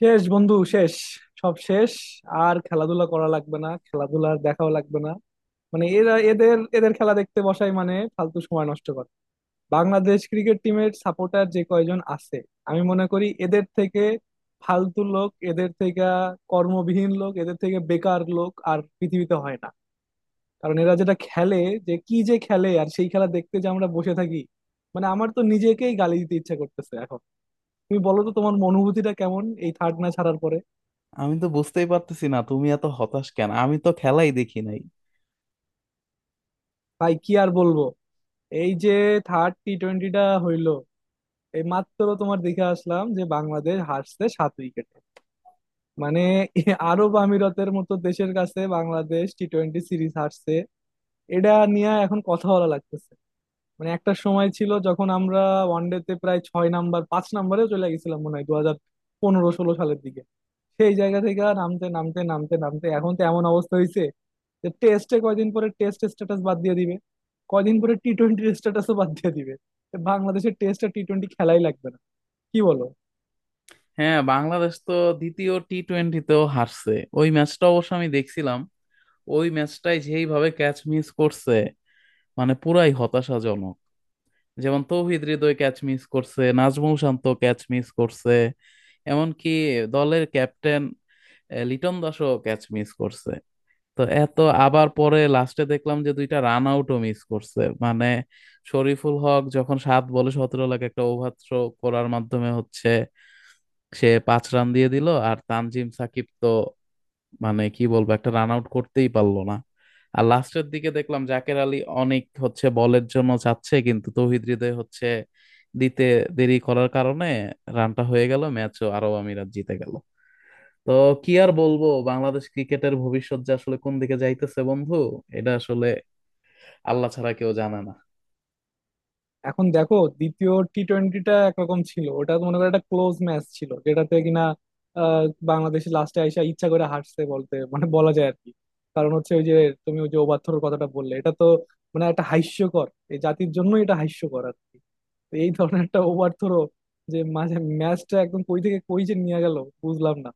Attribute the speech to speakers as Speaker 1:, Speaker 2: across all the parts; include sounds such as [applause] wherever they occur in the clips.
Speaker 1: শেষ বন্ধু, শেষ। সব শেষ। আর খেলাধুলা করা লাগবে না, খেলাধুলার দেখাও লাগবে না। মানে এরা, এদের এদের খেলা দেখতে বসাই মানে ফালতু সময় নষ্ট করে। বাংলাদেশ ক্রিকেট টিমের সাপোর্টার যে কয়জন আছে, আমি মনে করি এদের থেকে ফালতু লোক, এদের থেকে কর্মবিহীন লোক, এদের থেকে বেকার লোক আর পৃথিবীতে হয় না। কারণ এরা যেটা খেলে, যে কি যে খেলে, আর সেই খেলা দেখতে যে আমরা বসে থাকি, মানে আমার তো নিজেকেই গালি দিতে ইচ্ছা করতেছে এখন। তুমি বলো তো, তোমার অনুভূতিটা কেমন এই থার্ড ম্যাচ হারার পরে?
Speaker 2: আমি তো বুঝতেই পারতেছি না তুমি এত হতাশ কেন? আমি তো খেলাই দেখি নাই।
Speaker 1: ভাই কি আর বলবো। এই যে থার্ড টি টোয়েন্টিটা হইলো, এই মাত্র তোমার দেখে আসলাম যে বাংলাদেশ হারছে 7 উইকেটে। মানে আরব আমিরাতের মতো দেশের কাছে বাংলাদেশ টি টোয়েন্টি সিরিজ হারছে, এটা নিয়ে এখন কথা বলা লাগতেছে। মানে একটা সময় ছিল যখন আমরা ওয়ানডেতে প্রায় 6 নাম্বার, 5 নাম্বারেও চলে গেছিলাম, মনে হয় 2015-2016 সালের দিকে। সেই জায়গা থেকে আর নামতে নামতে নামতে নামতে এখন তো এমন অবস্থা হয়েছে যে টেস্টে কয়দিন পরে টেস্ট স্ট্যাটাস বাদ দিয়ে দিবে, কয়দিন পরে টি টোয়েন্টির স্ট্যাটাসও বাদ দিয়ে দিবে। তো বাংলাদেশের টেস্ট আর টি টোয়েন্টি খেলাই লাগবে না, কি বলো?
Speaker 2: হ্যাঁ, বাংলাদেশ তো দ্বিতীয় টি টোয়েন্টিতেও হারছে। ওই ম্যাচটা অবশ্য আমি দেখছিলাম। ওই ম্যাচটাই যেইভাবে ক্যাচ মিস করছে, মানে পুরাই হতাশাজনক। যেমন তৌহিদ হৃদয় ক্যাচ মিস করছে, নাজমুল শান্ত ক্যাচ মিস করছে, এমনকি দলের ক্যাপ্টেন লিটন দাসও ক্যাচ মিস করছে। তো এত, আবার পরে লাস্টে দেখলাম যে দুইটা রান আউটও মিস করছে। মানে শরীফুল হক যখন 7 বলে সতেরো লাখ একটা ওভার থ্রো করার মাধ্যমে হচ্ছে সে 5 রান দিয়ে দিল, আর তানজিম সাকিব তো মানে কি বলবো, একটা রান আউট করতেই পারলো না। আর লাস্টের দিকে দেখলাম জাকের আলী অনেক হচ্ছে বলের জন্য যাচ্ছে, কিন্তু তৌহিদ হৃদয় হচ্ছে দিতে দেরি করার কারণে রানটা হয়ে গেল, ম্যাচও আরব আমিরাত জিতে গেল। তো কি আর বলবো, বাংলাদেশ ক্রিকেটের ভবিষ্যৎ যে আসলে কোন দিকে যাইতেছে বন্ধু, এটা আসলে আল্লাহ ছাড়া কেউ জানে না।
Speaker 1: এখন দেখো, দ্বিতীয় টি টোয়েন্টিটা একরকম ছিল। ওটা তো মনে করো একটা ক্লোজ ম্যাচ ছিল যেটাতে কিনা আহ, বাংলাদেশ লাস্টে আইসা ইচ্ছা করে হারছে বলতে মানে বলা যায় আর কি। কারণ হচ্ছে ওই যে, তুমি ওই যে ওভারথ্রোর কথাটা বললে, এটা তো মানে একটা হাস্যকর, এই জাতির জন্যই এটা হাস্যকর আর কি। তো এই ধরনের একটা ওভারথ্রো যে মাঝে ম্যাচটা একদম কই থেকে কই যে নিয়ে গেল, বুঝলাম না।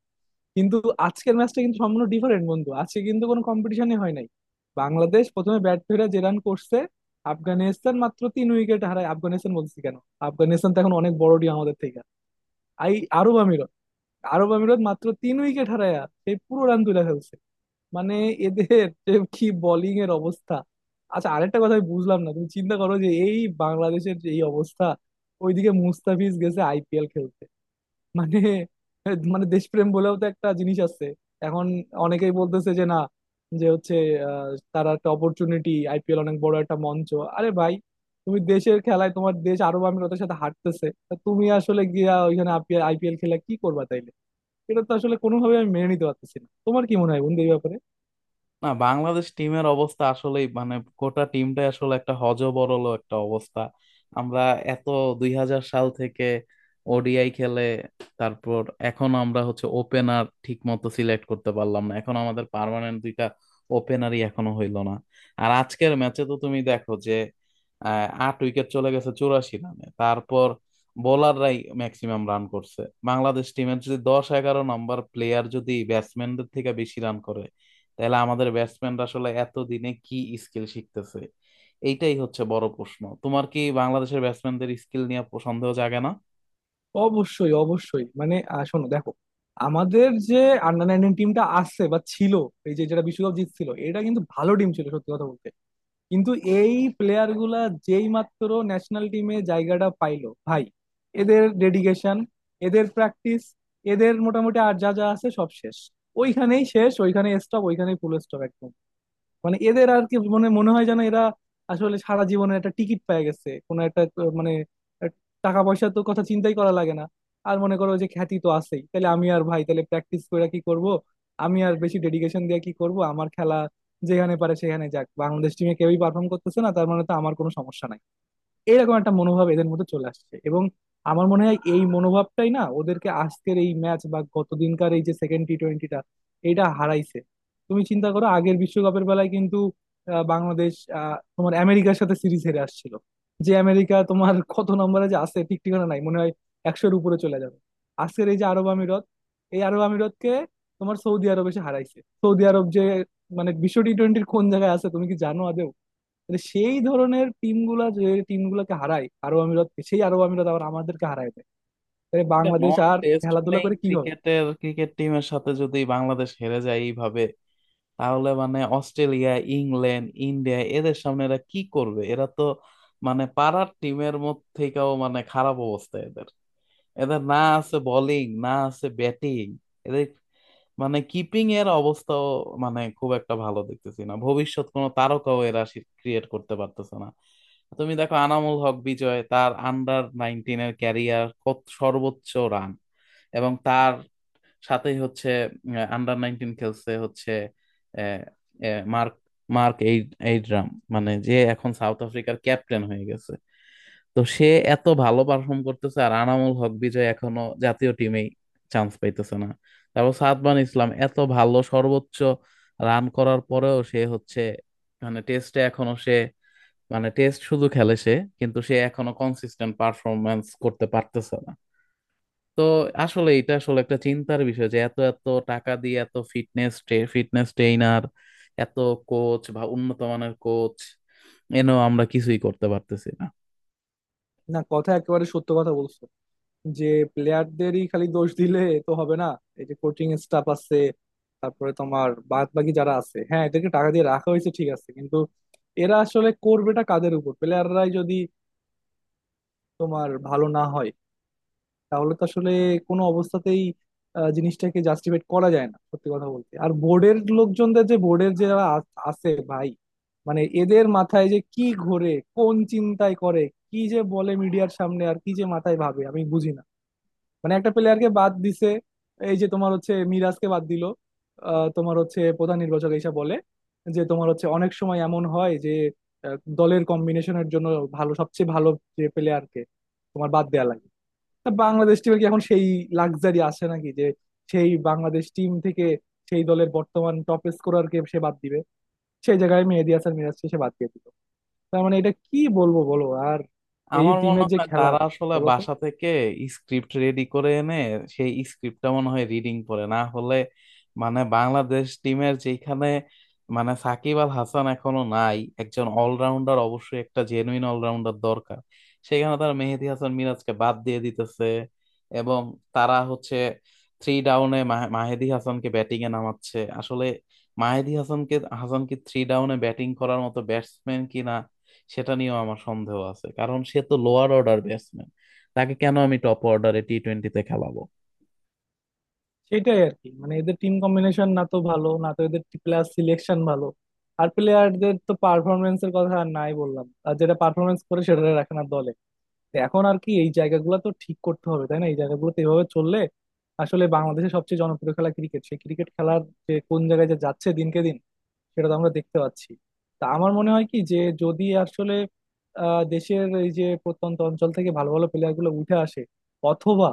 Speaker 1: কিন্তু আজকের ম্যাচটা কিন্তু সম্পূর্ণ ডিফারেন্ট বন্ধু, আজকে কিন্তু কোনো কম্পিটিশনই হয় নাই। বাংলাদেশ প্রথমে ব্যাট ধরে যে রান করছে, আফগানিস্তান মাত্র 3 উইকেট হারায়। আফগানিস্তান বলছি কেন, আফগানিস্তান তো এখন অনেক বড় টিম আমাদের থেকে। আই, আরব আমিরত, আরব আমিরত মাত্র 3 উইকেট হারায় সেই পুরো রান তুলে ফেলছে। মানে এদের যে কি বোলিং এর অবস্থা। আচ্ছা, আরেকটা কথা আমি বুঝলাম না, তুমি চিন্তা করো যে এই বাংলাদেশের যে এই অবস্থা, ওইদিকে মুস্তাফিজ গেছে আইপিএল খেলতে। মানে, মানে দেশপ্রেম বলেও তো একটা জিনিস আছে। এখন অনেকেই বলতেছে যে না, যে হচ্ছে আহ, তারা একটা অপরচুনিটি, আইপিএল অনেক বড় একটা মঞ্চ। আরে ভাই, তুমি দেশের খেলায় তোমার দেশ আরব আমিরাতের সাথে হাঁটতেছে, তা তুমি আসলে গিয়া ওইখানে আইপিএল খেলা কি করবা তাইলে? এটা তো আসলে কোনোভাবে আমি মেনে নিতে পারতেছি না। তোমার কি মনে হয় বন্ধু এই ব্যাপারে?
Speaker 2: না, বাংলাদেশ টিমের অবস্থা আসলেই মানে গোটা টিমটাই আসলে একটা হযবরল একটা অবস্থা। আমরা এত 2000 সাল থেকে ওডিআই খেলে, তারপর এখন আমরা হচ্ছে ওপেনার ঠিক মতো সিলেক্ট করতে পারলাম না, এখন আমাদের পার্মানেন্ট দুইটা ওপেনারই এখনো হইলো না। আর আজকের ম্যাচে তো তুমি দেখো যে 8 উইকেট চলে গেছে 84 রানে, তারপর বোলাররাই ম্যাক্সিমাম রান করছে। বাংলাদেশ টিমের যদি 10-11 নাম্বার প্লেয়ার যদি ব্যাটসম্যানদের থেকে বেশি রান করে, তাহলে আমাদের ব্যাটসম্যানরা আসলে এতদিনে কি স্কিল শিখতেছে? এইটাই হচ্ছে বড় প্রশ্ন। তোমার কি বাংলাদেশের ব্যাটসম্যানদের স্কিল নিয়ে সন্দেহ জাগে না?
Speaker 1: অবশ্যই, অবশ্যই। মানে শোনো, দেখো, আমাদের যে আন্ডার 19 টিমটা আসছে বা ছিল, এই যে যেটা বিশ্বকাপ জিতছিল, এটা কিন্তু ভালো টিম ছিল, সত্যি কথা বলতে। কিন্তু এই প্লেয়ার গুলা যেই মাত্র ন্যাশনাল টিমে জায়গাটা পাইলো ভাই, এদের ডেডিকেশন, এদের প্র্যাকটিস, এদের মোটামুটি আর যা যা আছে সব শেষ। ওইখানেই শেষ, ওইখানেই স্টপ, ওইখানেই ফুল স্টপ একদম। মানে এদের আর কি মনে মনে হয় যেন এরা আসলে সারা জীবনে একটা টিকিট পেয়ে গেছে কোনো একটা মানে এক, টাকা পয়সা তো কথা চিন্তাই করা লাগে না, আর মনে করো যে খ্যাতি তো আছেই, তাহলে আমি আর ভাই তাহলে প্র্যাকটিস করে কি করব, আমি আর বেশি ডেডিকেশন দিয়ে কি করব, আমার খেলা যেখানে পারে সেখানে যাক, বাংলাদেশ টিমে কেউই পারফর্ম করতেছে না তার মানে তো আমার কোনো সমস্যা নাই। এরকম একটা মনোভাব এদের মধ্যে চলে আসছে, এবং আমার মনে হয় এই মনোভাবটাই না ওদেরকে আজকের এই ম্যাচ বা গতদিনকার এই যে সেকেন্ড টি টোয়েন্টিটা, এটা হারাইছে। তুমি চিন্তা করো আগের বিশ্বকাপের বেলায় কিন্তু বাংলাদেশ তোমার আমেরিকার সাথে সিরিজ হেরে আসছিল। যে আমেরিকা তোমার [laughs] কত নম্বরে যে আছে ঠিক ঠিকানা নাই, মনে হয় 100-এর উপরে চলে যাবে। আজকের এই যে আরব আমিরত, এই আরব আমিরতকে তোমার সৌদি আরব এসে হারাইছে। সৌদি আরব যে মানে বিশ্ব টি টোয়েন্টির কোন জায়গায় আছে তুমি কি জানো আদৌ? মানে সেই ধরনের টিম গুলা, যে টিম গুলাকে হারায় আরব আমিরাতকে, সেই আরব আমিরাত আবার আমাদেরকে হারায় দেয়। তাহলে
Speaker 2: একটা
Speaker 1: বাংলাদেশ
Speaker 2: নন
Speaker 1: আর
Speaker 2: টেস্ট
Speaker 1: খেলাধুলা
Speaker 2: প্লেইং
Speaker 1: করে কি হবে?
Speaker 2: ক্রিকেটের ক্রিকেট টিমের সাথে যদি বাংলাদেশ হেরে যায় এইভাবে, তাহলে মানে অস্ট্রেলিয়া, ইংল্যান্ড, ইন্ডিয়া এদের সামনে এরা কি করবে? এরা তো মানে পাড়ার টিমের মধ্যে থেকেও মানে খারাপ অবস্থা এদের। এদের না আছে বোলিং, না আছে ব্যাটিং। এদের মানে কিপিং এর অবস্থাও মানে খুব একটা ভালো দেখতেছি না। ভবিষ্যৎ কোনো তারকাও এরা ক্রিয়েট করতে পারতেছে না। তুমি দেখো আনামুল হক বিজয়, তার আন্ডার নাইনটিন এর ক্যারিয়ার কত সর্বোচ্চ রান। এবং তার সাথেই হচ্ছে আন্ডার নাইনটিন খেলছে হচ্ছে আহ, আহ, মার্ক মার্ক এইড এইড্রাম, মানে যে এখন সাউথ আফ্রিকার ক্যাপ্টেন হয়ে গেছে। তো সে এত ভালো পারফর্ম করতেছে, আর আনামুল হক বিজয় এখনো জাতীয় টিমেই চান্স পাইতেছে না। তারপর সাদমান ইসলাম এত ভালো সর্বোচ্চ রান করার পরেও সে হচ্ছে মানে টেস্টে এখনো সে মানে টেস্ট শুধু খেলে সে, কিন্তু সে এখনো কনসিস্টেন্ট পারফরমেন্স করতে পারতেছে না। তো আসলে এটা আসলে একটা চিন্তার বিষয় যে এত এত টাকা দিয়ে এত ফিটনেস, ফিটনেস ট্রেইনার, এত কোচ বা উন্নত মানের কোচ এনেও আমরা কিছুই করতে পারতেছি না।
Speaker 1: না, কথা একেবারে সত্য কথা বলছো। যে প্লেয়ারদেরই খালি দোষ দিলে তো হবে না। এই যে কোচিং স্টাফ আছে, তারপরে তোমার বাদ বাকি যারা আছে, হ্যাঁ, এদেরকে টাকা দিয়ে রাখা হয়েছে, ঠিক আছে। কিন্তু এরা আসলে করবেটা কাদের উপর, প্লেয়াররাই যদি তোমার ভালো না হয়, তাহলে তো আসলে কোনো অবস্থাতেই জিনিসটাকে জাস্টিফাইড করা যায় না, সত্যি কথা বলতে। আর বোর্ডের লোকজনদের, যে বোর্ডের যারা আছে ভাই, মানে এদের মাথায় যে কি ঘোরে, কোন চিন্তায় করে, কি যে বলে মিডিয়ার সামনে আর কি যে মাথায় ভাবে, আমি বুঝি না। মানে একটা প্লেয়ারকে বাদ দিছে, এই যে তোমার হচ্ছে মিরাজকে বাদ দিল। তোমার হচ্ছে প্রধান নির্বাচক এসে বলে যে তোমার হচ্ছে অনেক সময় এমন হয় যে দলের কম্বিনেশনের জন্য ভালো, সবচেয়ে ভালো যে প্লেয়ারকে তোমার বাদ দেয়া লাগে। তা বাংলাদেশ টিমের কি এখন সেই লাক্সারি আছে নাকি, যে সেই বাংলাদেশ টিম থেকে সেই দলের বর্তমান টপ স্কোরার কে সে বাদ দিবে? সেই জায়গায় মেহেদী হাসান মিরাজকে সে বাদ দিয়ে দিল। তার মানে এটা কি বলবো বলো। আর এই
Speaker 2: আমার মনে
Speaker 1: টিমের যে
Speaker 2: হয় তারা
Speaker 1: খেলার,
Speaker 2: আসলে
Speaker 1: বলো তো।
Speaker 2: বাসা থেকে স্ক্রিপ্ট রেডি করে এনে সেই স্ক্রিপ্টটা মনে হয় রিডিং পড়ে। না হলে মানে বাংলাদেশ টিমের যেখানে মানে সাকিব আল হাসান এখনো নাই, একজন অলরাউন্ডার অবশ্যই একটা জেনুইন অলরাউন্ডার দরকার, সেখানে তারা মেহেদী হাসান মিরাজকে বাদ দিয়ে দিতেছে। এবং তারা হচ্ছে থ্রি ডাউনে মাহেদী হাসানকে ব্যাটিং এ নামাচ্ছে। আসলে মাহেদী হাসানকে, হাসান কি থ্রি ডাউনে ব্যাটিং করার মতো ব্যাটসম্যান কিনা সেটা নিয়েও আমার সন্দেহ আছে, কারণ সে তো লোয়ার অর্ডার ব্যাটসম্যান। তাকে কেন আমি টপ অর্ডারে টি টোয়েন্টিতে খেলাবো?
Speaker 1: সেটাই আর কি, মানে এদের টিম কম্বিনেশন না তো ভালো, না তো এদের প্লেয়ার সিলেকশন ভালো। আর প্লেয়ারদের তো পারফরমেন্স এর কথা আর নাই বললাম, আর যেটা পারফরমেন্স করে সেটা রাখে না দলে। তো এখন আর কি, এই জায়গাগুলো তো ঠিক করতে হবে তাই না? এই জায়গাগুলোতে এভাবে চললে আসলে বাংলাদেশের সবচেয়ে জনপ্রিয় খেলা ক্রিকেট, সেই ক্রিকেট খেলার যে কোন জায়গায় যে যাচ্ছে দিনকে দিন, সেটা তো আমরা দেখতে পাচ্ছি। তা আমার মনে হয় কি, যে যদি আসলে দেশের এই যে প্রত্যন্ত অঞ্চল থেকে ভালো ভালো প্লেয়ার গুলো উঠে আসে, অথবা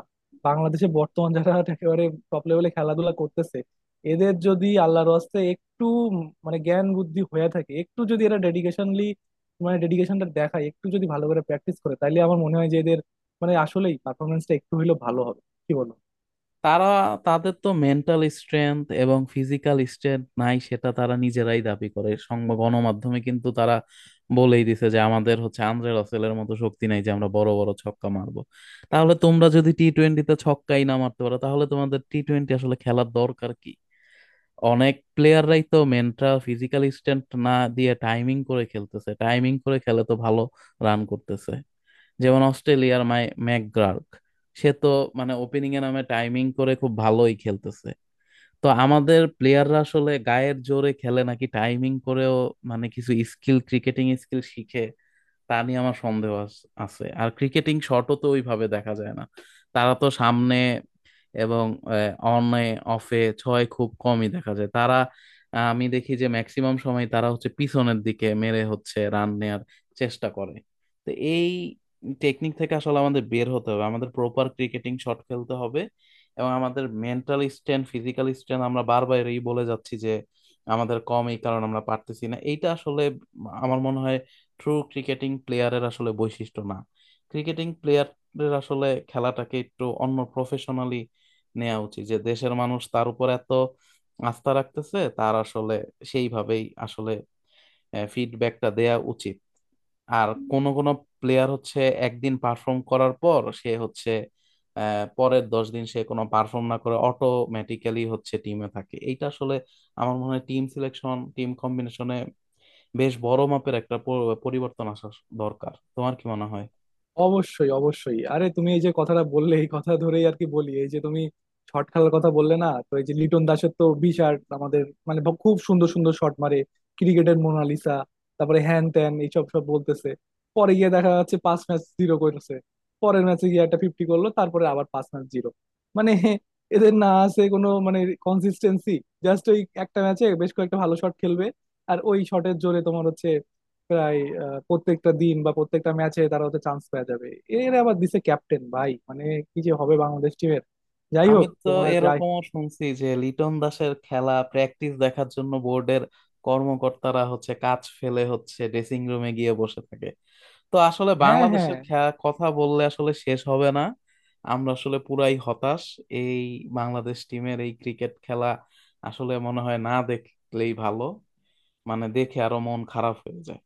Speaker 1: বাংলাদেশে বর্তমান যারা [laughs] একেবারে টপ লেভেলে খেলাধুলা করতেছে, এদের যদি আল্লাহর হস্তে একটু মানে জ্ঞান বুদ্ধি হয়ে থাকে, একটু যদি এরা ডেডিকেশনলি মানে ডেডিকেশনটা দেখায়, একটু যদি ভালো করে প্র্যাকটিস করে, তাহলে আমার মনে হয় যে এদের মানে আসলেই পারফরমেন্সটা একটু হলেও ভালো হবে। কি বলো?
Speaker 2: তারা তাদের তো মেন্টাল স্ট্রেংথ এবং ফিজিক্যাল স্ট্রেংথ নাই, সেটা তারা নিজেরাই দাবি করে সংবাদ গণমাধ্যমে, কিন্তু তারা বলেই দিছে যে আমাদের হচ্ছে আন্দ্রে রাসেলের মতো শক্তি নাই যে আমরা বড় বড় ছক্কা মারবো। তাহলে তোমরা যদি টি টোয়েন্টিতে ছক্কাই না মারতে পারো, তাহলে তোমাদের টি টোয়েন্টি আসলে খেলার দরকার কি? অনেক প্লেয়াররাই তো মেন্টাল ফিজিক্যাল স্ট্রেন্থ না দিয়ে টাইমিং করে খেলতেছে, টাইমিং করে খেলে তো ভালো রান করতেছে। যেমন অস্ট্রেলিয়ার ম্যাকগ্রার্ক, সে তো মানে ওপেনিং এ নামে টাইমিং করে খুব ভালোই খেলতেছে। তো আমাদের প্লেয়াররা আসলে গায়ের জোরে খেলে নাকি টাইমিং করেও মানে কিছু স্কিল, ক্রিকেটিং স্কিল শিখে, তা নিয়ে আমার সন্দেহ আছে। আর ক্রিকেটিং শটও তো ওইভাবে দেখা যায় না, তারা তো সামনে এবং অনে অফে ছয় খুব কমই দেখা যায়। তারা আমি দেখি যে ম্যাক্সিমাম সময় তারা হচ্ছে পিছনের দিকে মেরে হচ্ছে রান নেয়ার চেষ্টা করে। তো এই টেকনিক থেকে আসলে আমাদের বের হতে হবে, আমাদের প্রপার ক্রিকেটিং শট খেলতে হবে। এবং আমাদের মেন্টাল স্ট্রেন্থ, ফিজিক্যাল স্ট্রেন্থ আমরা বারবার এই বলে যাচ্ছি যে আমাদের কম, এই কারণে আমরা পারতেছি না। এইটা আসলে আমার মনে হয় ট্রু ক্রিকেটিং প্লেয়ারের আসলে বৈশিষ্ট্য না। ক্রিকেটিং প্লেয়ারের আসলে খেলাটাকে একটু অন্য প্রফেশনালি নেওয়া উচিত। যে দেশের মানুষ তার উপর এত আস্থা রাখতেছে, তার আসলে সেইভাবেই আসলে ফিডব্যাকটা দেয়া উচিত। আর কোন কোন প্লেয়ার হচ্ছে একদিন পারফর্ম করার পর সে হচ্ছে পরের 10 দিন সে কোনো পারফর্ম না করে অটোমেটিক্যালি হচ্ছে টিমে থাকে। এইটা আসলে আমার মনে হয় টিম সিলেকশন, টিম কম্বিনেশনে বেশ বড় মাপের একটা পরিবর্তন আসা দরকার। তোমার কি মনে হয়?
Speaker 1: অবশ্যই, অবশ্যই। আরে তুমি এই যে কথাটা বললে, এই কথা ধরেই আর কি বলি, এই যে তুমি শর্ট খেলার কথা বললে না, তো এই যে লিটন দাসের তো বিশাল, আমাদের মানে খুব সুন্দর সুন্দর শট মারে, ক্রিকেটের মোনালিসা, তারপরে হ্যান ত্যান এইসব সব বলতেছে। পরে গিয়ে দেখা যাচ্ছে 5 ম্যাচ জিরো করছে, পরের ম্যাচে গিয়ে একটা ফিফটি করলো, তারপরে আবার 5 ম্যাচ জিরো। মানে এদের না আছে কোনো মানে কনসিস্টেন্সি। জাস্ট ওই একটা ম্যাচে বেশ কয়েকটা ভালো শট খেলবে, আর ওই শটের জোরে তোমার হচ্ছে প্রায় প্রত্যেকটা দিন বা প্রত্যেকটা ম্যাচে তারা হচ্ছে চান্স পাওয়া যাবে। এর আবার দিছে ক্যাপ্টেন, ভাই মানে কি যে হবে বাংলাদেশ টিমের। যাই
Speaker 2: আমি
Speaker 1: হোক,
Speaker 2: তো
Speaker 1: তোমার যাই।
Speaker 2: এরকমও শুনছি যে লিটন দাসের খেলা, প্র্যাকটিস দেখার জন্য বোর্ডের কর্মকর্তারা হচ্ছে কাজ ফেলে হচ্ছে ড্রেসিং রুমে গিয়ে বসে থাকে। তো আসলে
Speaker 1: হ্যাঁ, হ্যাঁ।
Speaker 2: বাংলাদেশের খেলা কথা বললে আসলে শেষ হবে না। আমরা আসলে পুরাই হতাশ এই বাংলাদেশ টিমের এই ক্রিকেট খেলা। আসলে মনে হয় না দেখলেই ভালো, মানে দেখে আরো মন খারাপ হয়ে যায়।